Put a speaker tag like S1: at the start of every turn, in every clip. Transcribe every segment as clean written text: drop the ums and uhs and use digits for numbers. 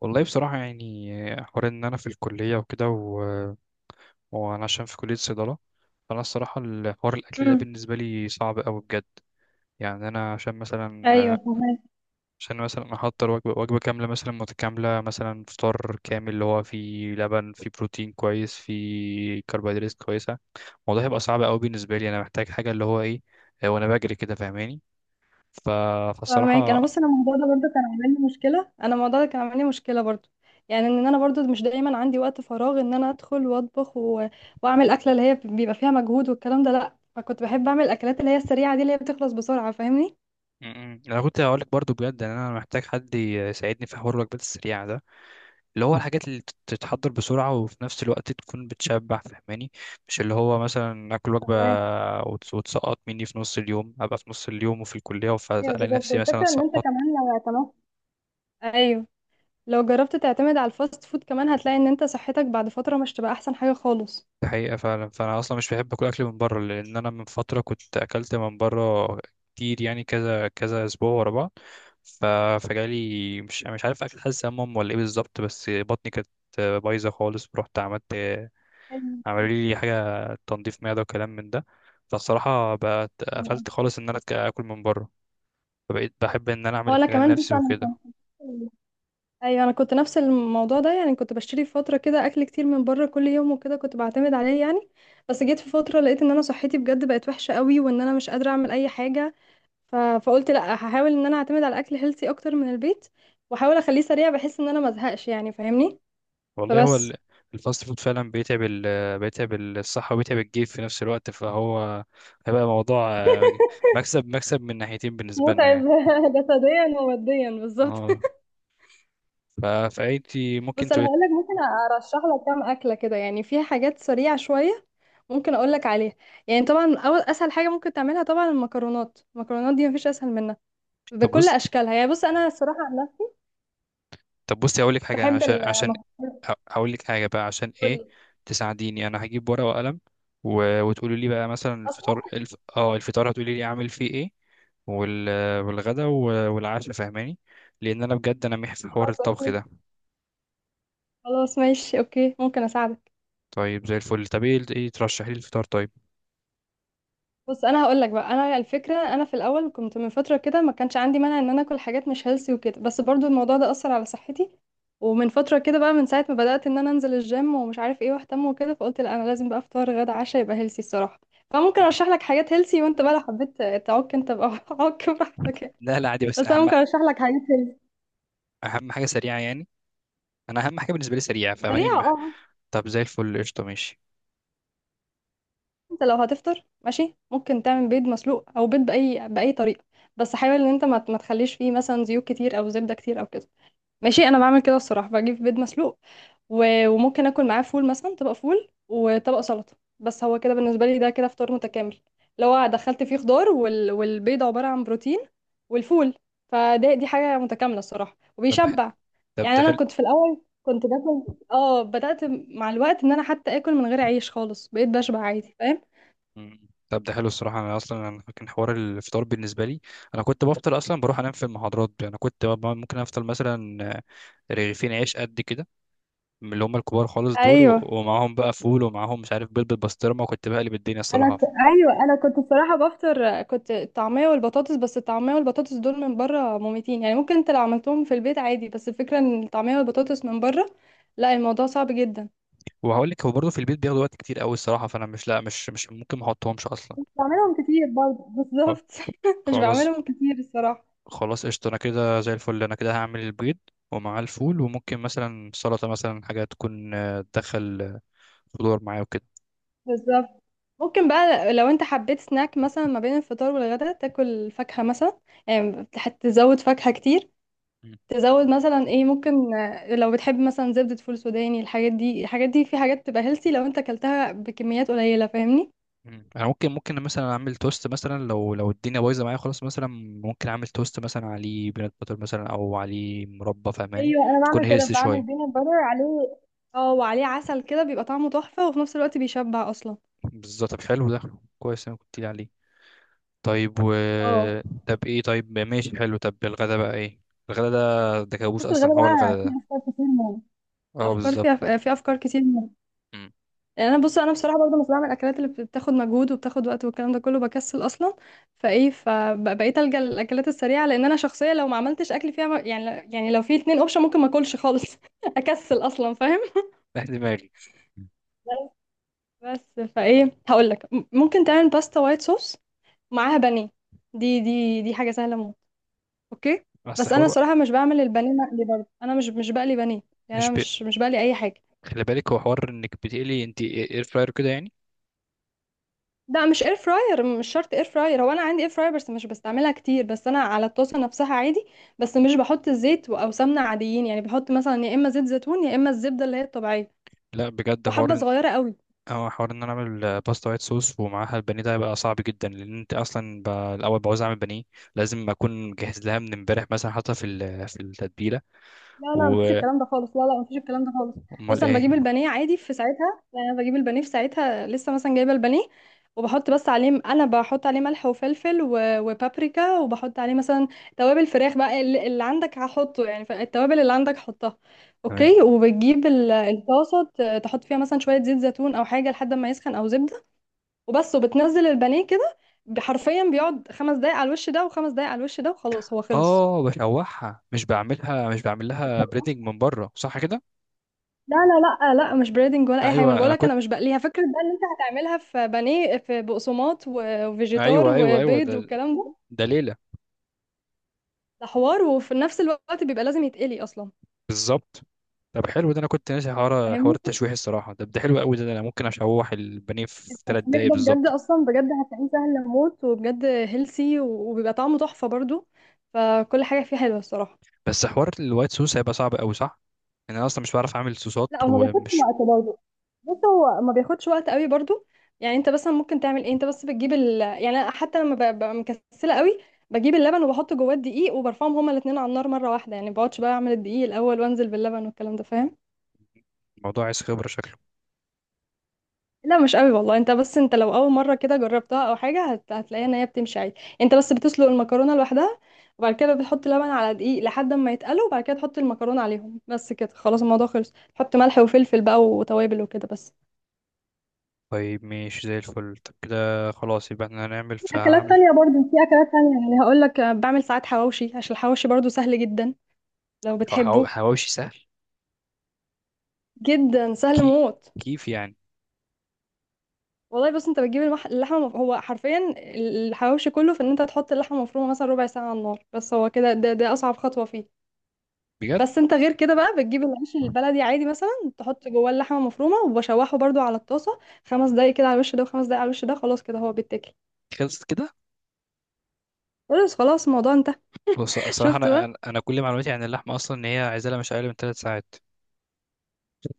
S1: والله بصراحة يعني حوار إن أنا في الكلية وكده وأنا عشان في كلية صيدلة. فأنا الصراحة الحوار الأكل ده
S2: امم
S1: بالنسبة لي صعب أوي بجد. يعني أنا عشان مثلا
S2: ايوه، فهمك.
S1: عشان مثلا أحضر وجبة كاملة مثلا متكاملة، مثلا فطار كامل اللي هو فيه لبن، فيه بروتين كويس، فيه كربوهيدرات كويسة. الموضوع هيبقى صعب أوي بالنسبة لي، أنا محتاج حاجة اللي هو إيه، وأنا بجري كده، فاهماني؟ ف...
S2: فهمك. انا،
S1: فالصراحة
S2: بص، انا الموضوع ده برضه كان عامل لي مشكله. انا الموضوع ده كان عامل لي مشكله برضه. يعني ان انا برضه مش دايما عندي وقت فراغ ان انا ادخل واطبخ واعمل اكله اللي هي بيبقى فيها مجهود والكلام ده، لا. فكنت بحب اعمل الاكلات اللي هي السريعه دي اللي هي بتخلص بسرعه، فاهمني؟
S1: م- م. أنا كنت هقولك برضو بجد إن أنا محتاج حد يساعدني في حوار الوجبات السريعة ده، اللي هو الحاجات اللي تتحضر بسرعة وفي نفس الوقت تكون بتشبع، فهماني؟ مش اللي هو مثلا آكل وجبة
S2: فهمك.
S1: وتسقط مني في نص اليوم، أبقى في نص اليوم وفي الكلية،
S2: ايوه،
S1: فألاقي
S2: بالظبط.
S1: نفسي مثلا
S2: والفكره ان انت كمان
S1: سقطت.
S2: لو اعتمدت، ايوه، لو جربت تعتمد على الفاست فود كمان هتلاقي ان انت صحتك بعد فتره مش تبقى احسن حاجه خالص.
S1: دي حقيقة فعلا، فأنا أصلا مش بحب أكل أكل من بره، لأن أنا من فترة كنت أكلت من بره كتير، يعني كذا كذا أسبوع ورا بعض. ف... فجالي مش عارف أكل، حاسس ولا إيه بالظبط، بس بطني كانت بايظة خالص. رحت عملت،
S2: أيوة.
S1: عملوا لي حاجة تنظيف معدة وكلام من ده. فالصراحة بقت قفلت خالص إن أنا آكل من بره، فبقيت بحب إن أنا أعمل
S2: هو انا
S1: الحاجة
S2: كمان، بص،
S1: لنفسي
S2: انا
S1: وكده.
S2: كنت، ايوه، انا كنت نفس الموضوع ده. يعني كنت بشتري في فتره كده اكل كتير من بره كل يوم وكده كنت بعتمد عليه يعني. بس جيت في فتره لقيت ان انا صحتي بجد بقت وحشه قوي وان انا مش قادره اعمل اي حاجه. فقلت لا، هحاول ان انا اعتمد على اكل هيلثي اكتر من البيت واحاول اخليه سريع بحيث ان انا ما ازهقش، يعني فاهمني.
S1: والله هو
S2: فبس.
S1: الفاست فود فعلا بيتعب بيتعب الصحة وبيتعب الجيب في نفس الوقت، فهو هيبقى موضوع مكسب من ناحيتين بالنسبة لنا
S2: متعب.
S1: يعني.
S2: جسديا وماديا، بالظبط.
S1: اه. ف- فأنتي ممكن
S2: بص، انا
S1: تقولي.
S2: هقول لك ممكن ارشح لك كام اكله كده يعني فيها حاجات سريعه شويه. ممكن اقول لك عليها. يعني طبعا اول اسهل حاجه ممكن تعملها طبعا المكرونات. المكرونات دي مفيش اسهل منها
S1: طب
S2: بكل
S1: بص،
S2: اشكالها. يعني بص، انا الصراحه انا
S1: طب بصي هقول لك حاجة،
S2: بحب
S1: عشان
S2: المكرونات.
S1: هقول لك حاجة بقى عشان ايه
S2: قولي.
S1: تساعديني. انا هجيب ورقة وقلم وتقولي لي بقى مثلا
S2: اصلا
S1: الفطار الفطار هتقولي لي اعمل فيه ايه، وال... والغدا والعشاء، فاهماني؟ لان انا بجد انا محي في حوار
S2: خلاص،
S1: الطبخ
S2: اوكي.
S1: ده.
S2: خلاص ماشي، اوكي، ممكن اساعدك.
S1: طيب زي الفل، طب ايه، ايه ترشحي لي الفطار طيب؟
S2: بص، انا هقول لك بقى انا الفكره. انا في الاول كنت من فتره كده ما كانش عندي مانع ان انا اكل حاجات مش هيلسي وكده، بس برضو الموضوع ده اثر على صحتي. ومن فتره كده بقى، من ساعه ما بدات ان انا انزل الجيم ومش عارف ايه واهتم وكده، فقلت لا، انا لازم بقى افطار غدا عشاء يبقى هيلسي الصراحه. فممكن
S1: م.
S2: ارشح لك حاجات هيلسي وانت بقى لو حبيت تعك انت بقى عك براحتك يعني.
S1: لا لا عادي، بس
S2: بس انا
S1: اهم،
S2: ممكن ارشح لك حاجات هيلسي
S1: اهم حاجة سريعة يعني، انا اهم حاجة بالنسبة لي سريعة، فاهماني؟
S2: سريعه، اه.
S1: طب زي الفل، قشطة ماشي.
S2: انت لو هتفطر، ماشي، ممكن تعمل بيض مسلوق او بيض باي باي طريقه. بس حاول ان انت ما تخليش فيه مثلا زيوت كتير او زبده كتير او كده. ماشي، انا بعمل كده الصراحه، بجيب بيض مسلوق وممكن اكل معاه فول مثلا، طبق فول وطبق سلطه. بس هو كده بالنسبه لي ده كده فطار متكامل، لو دخلت فيه خضار والبيض عباره عن بروتين، والفول. فده، دي حاجه متكامله الصراحه
S1: طب ده،
S2: وبيشبع.
S1: طب
S2: يعني
S1: ده
S2: انا
S1: حلو.
S2: كنت في الاول كنت باكل، اه، بدات مع الوقت ان انا حتى اكل من غير عيش خالص بقيت بشبع عادي، فاهم؟
S1: مم. طب ده حلو الصراحة. أنا أصلا أنا كان حوار الفطار بالنسبة لي، أنا كنت بفطر أصلا بروح أنام في المحاضرات. أنا كنت ممكن أفطر مثلا رغيفين عيش قد كده من اللي هم الكبار خالص دول،
S2: ايوه.
S1: ومعاهم بقى فول، ومعاهم مش عارف بيض بالبسطرمة، وكنت بقلب الدنيا الصراحة.
S2: ايوه، انا كنت بصراحه بفطر كنت الطعميه والبطاطس. بس الطعميه والبطاطس دول من بره مميتين. يعني ممكن انت لو عملتهم في البيت عادي، بس الفكره ان الطعميه والبطاطس من بره لا، الموضوع صعب جدا.
S1: وهقول لك هو برضه في البيت بياخدوا وقت كتير أوي الصراحة، فأنا مش، لا مش ممكن ما أحطهمش أصلا.
S2: بعملهم كتير برضه،
S1: أه.
S2: بالظبط. مش
S1: خلاص،
S2: بعملهم كتير الصراحه.
S1: خلاص قشطة، أنا كده زي الفل أنا كده هعمل البيض ومعاه الفول، وممكن مثلا سلطة مثلا، حاجة تكون تدخل خضار معاه وكده.
S2: بالظبط. ممكن بقى لو انت حبيت سناك مثلا ما بين الفطار والغدا تاكل فاكهه مثلا. يعني هتزود فاكهه كتير. تزود مثلا ايه، ممكن آه، لو بتحب مثلا زبدة فول سوداني. الحاجات دي، الحاجات دي في حاجات تبقى هيلثي لو انت اكلتها بكميات قليلة، فاهمني.
S1: مم. انا ممكن، مثلا اعمل توست مثلا، لو الدنيا بايظه معايا خلاص مثلا ممكن اعمل توست مثلا عليه بينات باتر مثلا، او عليه مربى، فاهماني؟
S2: ايوه، انا
S1: تكون
S2: بعمل كده،
S1: هيلثي
S2: بعمل
S1: شويه.
S2: بينات باتر عليه، اه، وعليه عسل كده بيبقى طعمه تحفة وفي نفس الوقت بيشبع اصلا.
S1: بالظبط. طب حلو ده، كويس، انا كنت لي عليه. طيب و،
S2: اه.
S1: طب ايه، طيب ماشي حلو. طب الغدا بقى ايه؟ الغدا ده، ده كابوس
S2: بص، الغدا
S1: اصلا هو الغدا
S2: بقى فيه
S1: ده.
S2: افكار كتير موت.
S1: اه
S2: الافكار
S1: بالظبط.
S2: فيها، في افكار كتير.
S1: امم
S2: يعني انا، بص، انا بصراحه برضه مش بعمل الاكلات اللي بتاخد مجهود وبتاخد وقت والكلام ده كله، بكسل اصلا. فايه، فبقيت الجا للاكلات السريعه لان انا شخصيه لو ما عملتش اكل فيها يعني، يعني لو في 2 اوبشن ممكن ما اكلش خالص. اكسل اصلا، فاهم؟
S1: دماغي.
S2: بس فايه هقول لك، ممكن تعمل باستا وايت صوص معاها بانيه. دي دي حاجه سهله موت. اوكي.
S1: بس
S2: بس انا
S1: حوار،
S2: صراحه مش بعمل البانيه مقلي برضه، انا مش بقلي بانيه. يعني
S1: مش
S2: انا
S1: بي...
S2: مش بقلي اي حاجه.
S1: خلي بالك هو حوار انك بتقلي انت، اير فراير كده يعني.
S2: لا، مش اير فراير، مش شرط اير فراير. هو انا عندي اير فراير بس مش بستعملها كتير، بس انا على الطاسه نفسها عادي. بس مش بحط الزيت او سمنه عاديين، يعني بحط مثلا يا اما زيت زيتون يا اما الزبده اللي هي الطبيعيه،
S1: لا بجد
S2: وحبه
S1: حوار،
S2: صغيره قوي.
S1: اه حوار ان انا اعمل باستا وايت صوص ومعاها البانيه، ده هيبقى صعب جدا، لان انت اصلا الاول بعوز اعمل بانيه، لازم اكون مجهز لها من امبارح، مثلا حاطها في التتبيله.
S2: لا لا، مفيش
S1: وامال
S2: الكلام ده خالص، لا لا مفيش الكلام ده خالص. بص، انا بجيب
S1: ايه؟
S2: البانيه عادي في ساعتها، يعني انا بجيب البانيه في ساعتها لسه، مثلا جايبه البانيه وبحط بس عليه، انا بحط عليه ملح وفلفل وبابريكا، وبحط عليه مثلا توابل فراخ بقى، اللي عندك هحطه يعني، فالتوابل اللي عندك حطها.
S1: تمام.
S2: اوكي. وبتجيب الطاسه تحط فيها مثلا شويه زيت زيتون او حاجه لحد ما يسخن او زبده، وبس، وبتنزل البانيه كده. حرفيا بيقعد 5 دقايق على الوش ده وخمس دقايق على الوش ده وخلاص، هو خلص.
S1: اه بشوحها، مش بعملها، مش بعمل لها بريدنج من بره، صح كده؟
S2: لا لا لا آه، لا، مش بريدنج ولا اي حاجه. ما
S1: ايوه
S2: انا
S1: انا
S2: بقولك
S1: كنت،
S2: انا مش بقليها. فكره بقى ان انت هتعملها في بانيه، في بقسماط وفيجيتار
S1: ايوه أيوة،
S2: وبيض
S1: ده،
S2: والكلام ده،
S1: ده ليله.
S2: ده حوار، وفي نفس الوقت بيبقى لازم يتقلي اصلا،
S1: بالظبط. طب حلو ده، انا كنت ناسي حوار
S2: فاهمني.
S1: التشويح الصراحه، ده ده حلو قوي، ده ده انا ممكن اشوح البانيه في ثلاث
S2: التسميح
S1: دقايق
S2: ده بجد
S1: بالظبط.
S2: اصلا، بجد هتلاقيه سهل موت وبجد هيلسي وبيبقى طعمه تحفه برضو، فكل حاجه فيه حلوه الصراحه.
S1: بس حوار الوايت سوس هيبقى صعب قوي صح؟ يعني انا اصلا مش بعرف اعمل صوصات
S2: لا، هو ما بياخدش
S1: ومش،
S2: وقت برضه. بص، هو ما بياخدش وقت قوي برضه. يعني انت مثلا ممكن تعمل ايه، انت بس بتجيب يعني أنا حتى لما ببقى مكسله قوي بجيب اللبن وبحط جواه الدقيق وبرفعهم هما الاثنين على النار مره واحده، يعني ما بقعدش بقى اعمل الدقيق الاول وانزل باللبن والكلام ده، فاهم؟
S1: موضوع عايز خبره شكله.
S2: لا، مش قوي والله. انت بس انت لو اول مره كده جربتها او حاجه هتلاقيها ان هي بتمشي عادي. انت بس بتسلق المكرونه لوحدها، وبعد كده بتحط لبن على دقيق لحد ما يتقلوا، وبعد كده تحط المكرونه عليهم بس، كده خلاص الموضوع خلص، تحط ملح وفلفل بقى وتوابل وكده بس.
S1: طيب ماشي زي الفل، طب كده خلاص يبقى احنا هنعمل،
S2: اكلات
S1: فهنعمل.
S2: تانية برضو، في اكلات تانية يعني، هقول لك بعمل ساعات حواوشي عشان الحواوشي برضو سهل جدا، لو
S1: أو
S2: بتحبه.
S1: حواوشي سهل.
S2: جدا سهل
S1: كي،
S2: موت.
S1: كيف يعني؟
S2: والله بص، انت بتجيب اللحمه هو حرفيا الحواوشي كله في ان انت تحط اللحمه مفرومه مثلا ربع ساعه على النار بس، هو كده، ده اصعب خطوه فيه.
S1: بجد
S2: بس انت غير كده بقى بتجيب العيش البلدي عادي، مثلا تحط جواه اللحمه مفرومه وبشوحه برضو على الطاسه 5 دقايق كده على الوش ده وخمس دقايق على الوش ده، خلاص كده هو بيتاكل.
S1: خلصت كده؟
S2: خلاص خلاص، الموضوع انتهى.
S1: بص الصراحه
S2: شفت
S1: انا
S2: بقى.
S1: انا أنا كل معلوماتي عن اللحمه اصلا ان هي عايزه لها مش اقل من 3 ساعات.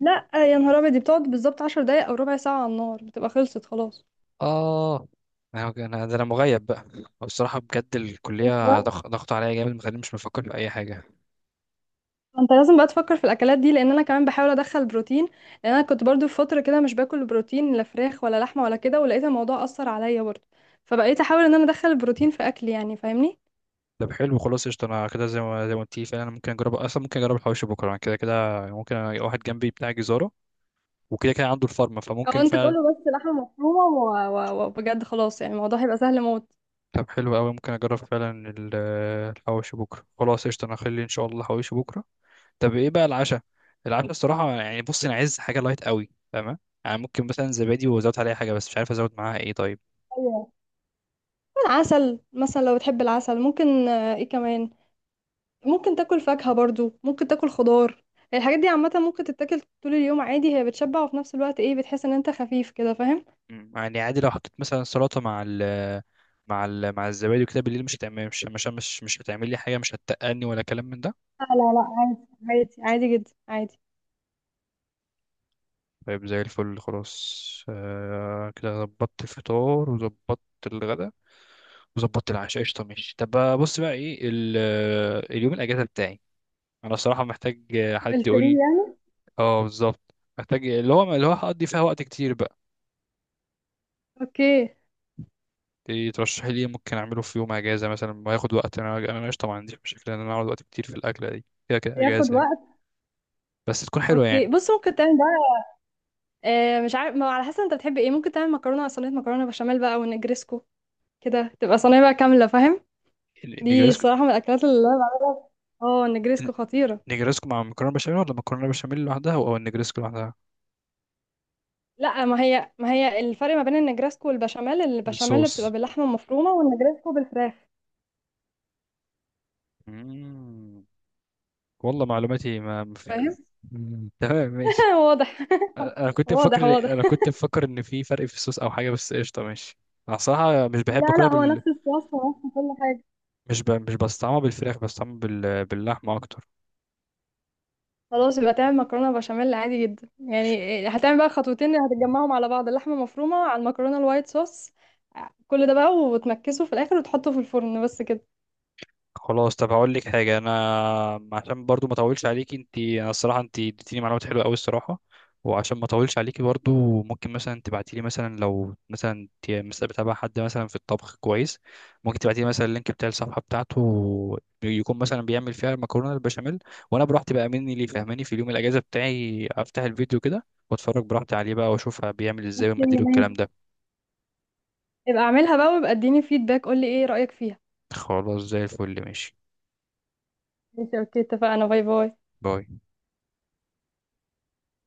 S2: لا آه، يا نهار ابيض، دي بتقعد بالظبط 10 دقايق او ربع ساعه على النار بتبقى خلصت خلاص.
S1: اه. انا ده انا مغيب بقى الصراحه بجد، الكليه
S2: شايفة؟
S1: ضغط عليا جامد، مخليني مش مفكر في اي حاجه.
S2: انت لازم بقى تفكر في الاكلات دي لان انا كمان بحاول ادخل بروتين، لان انا كنت برضو في فتره كده مش باكل بروتين لا فراخ ولا لحمه ولا كده، ولقيت الموضوع اثر عليا برضو، فبقيت احاول ان انا ادخل البروتين في اكلي يعني، فاهمني.
S1: طب حلو، خلاص قشطة، أنا كده زي ما قلت لي فعلا، أنا ممكن أجرب، أصلا ممكن أجرب الحواوشي بكرة، أنا كده كده ممكن ألاقي واحد جنبي بتاع جزارة وكده كده عنده الفارما،
S2: او
S1: فممكن
S2: انت تقول
S1: فعلا.
S2: له بس لحمه مفرومه وبجد خلاص يعني الموضوع هيبقى سهل موت.
S1: طب حلو أوي، ممكن أجرب فعلا الحواوشي بكرة. خلاص قشطة، أنا هخلي إن شاء الله الحواوشي بكرة. طب إيه بقى العشاء؟ العشاء الصراحة يعني بص أنا عايز حاجة لايت أوي، فاهمة؟ يعني ممكن مثلا زبادي وأزود عليها حاجة، بس مش عارف أزود معاها إيه طيب.
S2: ايوه، عسل مثلا لو بتحب العسل. ممكن آه، ايه كمان، ممكن تاكل فاكهة برضو، ممكن تاكل خضار. الحاجات دي عامة ممكن تتاكل طول اليوم عادي، هي بتشبع وفي نفس الوقت ايه، بتحس ان انت خفيف كده، فاهم؟
S1: مم، يعني عادي لو حطيت مثلا سلطة مع ال، مع الزبادي وكده بالليل، مش هتعمل، مش هتعمل لي حاجة، مش هتتقلني ولا كلام من ده؟
S2: لا لا لا، عادي عادي عادي جدا، عادي.
S1: طيب زي الفل خلاص، آه كده ظبطت الفطار، وظبطت الغداء، وظبطت العشاء، قشطة ماشي. طب بقى، بص بقى ايه اليوم الأجازة بتاعي. أنا الصراحة محتاج حد يقول
S2: الفري
S1: لي.
S2: يعني.
S1: اه بالظبط، محتاج اللي هو، هقضي فيها وقت كتير بقى.
S2: اوكي.
S1: إيه ترشحي لي، إيه ممكن أعمله في يوم أجازة مثلا وهياخد وقت، أنا قشطة ما عنديش مشكلة إن أنا أقعد وقت كتير في الأكلة دي، كده كده
S2: بياخد
S1: أجازة يعني،
S2: وقت.
S1: بس تكون حلوة
S2: اوكي،
S1: يعني.
S2: بص، ممكن تعمل بقى آه، مش عارف، ما على حسب انت بتحب ايه. ممكن تعمل مكرونه صينيه، مكرونه بشاميل بقى ونجريسكو، كده تبقى صينيه بقى كامله، فاهم؟ دي
S1: النجريسكو،
S2: الصراحه من الاكلات اللي انا بعملها. اه، النجريسكو خطيره.
S1: النجريسكو مع مكرونة بشاميل، ولا مكرونة بشاميل لوحدها، أو النجريسكو لوحدها؟
S2: لا، ما هي، ما هي الفرق ما بين النجريسكو والبشاميل، البشاميل بتبقى
S1: الصوص.
S2: باللحمه المفرومه والنجريسكو بالفراخ.
S1: مم. والله معلوماتي ما
S2: فاهم.
S1: مم. تمام ماشي.
S2: واضح،
S1: انا كنت
S2: واضح
S1: مفكر،
S2: واضح.
S1: ان في فرق في الصوص او حاجه، بس قشطه ماشي. انا صراحه مش بحب
S2: لا لا،
S1: اكلها
S2: هو
S1: بال،
S2: نفس الصلصة ونفس كل حاجة.
S1: مش بستعملها بالفراخ، بستعملها باللحمه اكتر.
S2: خلاص يبقى تعمل مكرونه بشاميل عادي جدا، يعني إيه، هتعمل بقى خطوتين، هتجمعهم على بعض اللحمه مفرومه على المكرونه الوايت صوص، كل ده بقى، وتمكسه في الاخر وتحطه في الفرن، بس كده.
S1: خلاص، طب هقول لك حاجه، انا عشان برضو ما اطولش عليكي انت، انا الصراحه انت اديتيني معلومات حلوه قوي الصراحه. وعشان ما اطولش عليكي برضو، ممكن مثلا تبعتي لي مثلا، لو مثلا انت مثلا بتابع حد مثلا في الطبخ كويس، ممكن تبعتي لي مثلا اللينك بتاع الصفحه بتاعته، يكون مثلا بيعمل فيها المكرونه البشاميل، وانا براحتي بقى مني ليه فاهماني، في اليوم الاجازه بتاعي افتح الفيديو كده واتفرج براحتي عليه بقى، واشوف بيعمل ازاي ومقاديره
S2: اوكي،
S1: والكلام
S2: ماشي.
S1: ده.
S2: يبقى اعملها بقى، ويبقى اديني فيدباك، قولي ايه رايك فيها.
S1: خلاص زي الفل ماشي.
S2: ماشي، اوكي، اتفقنا. باي باي.
S1: باي.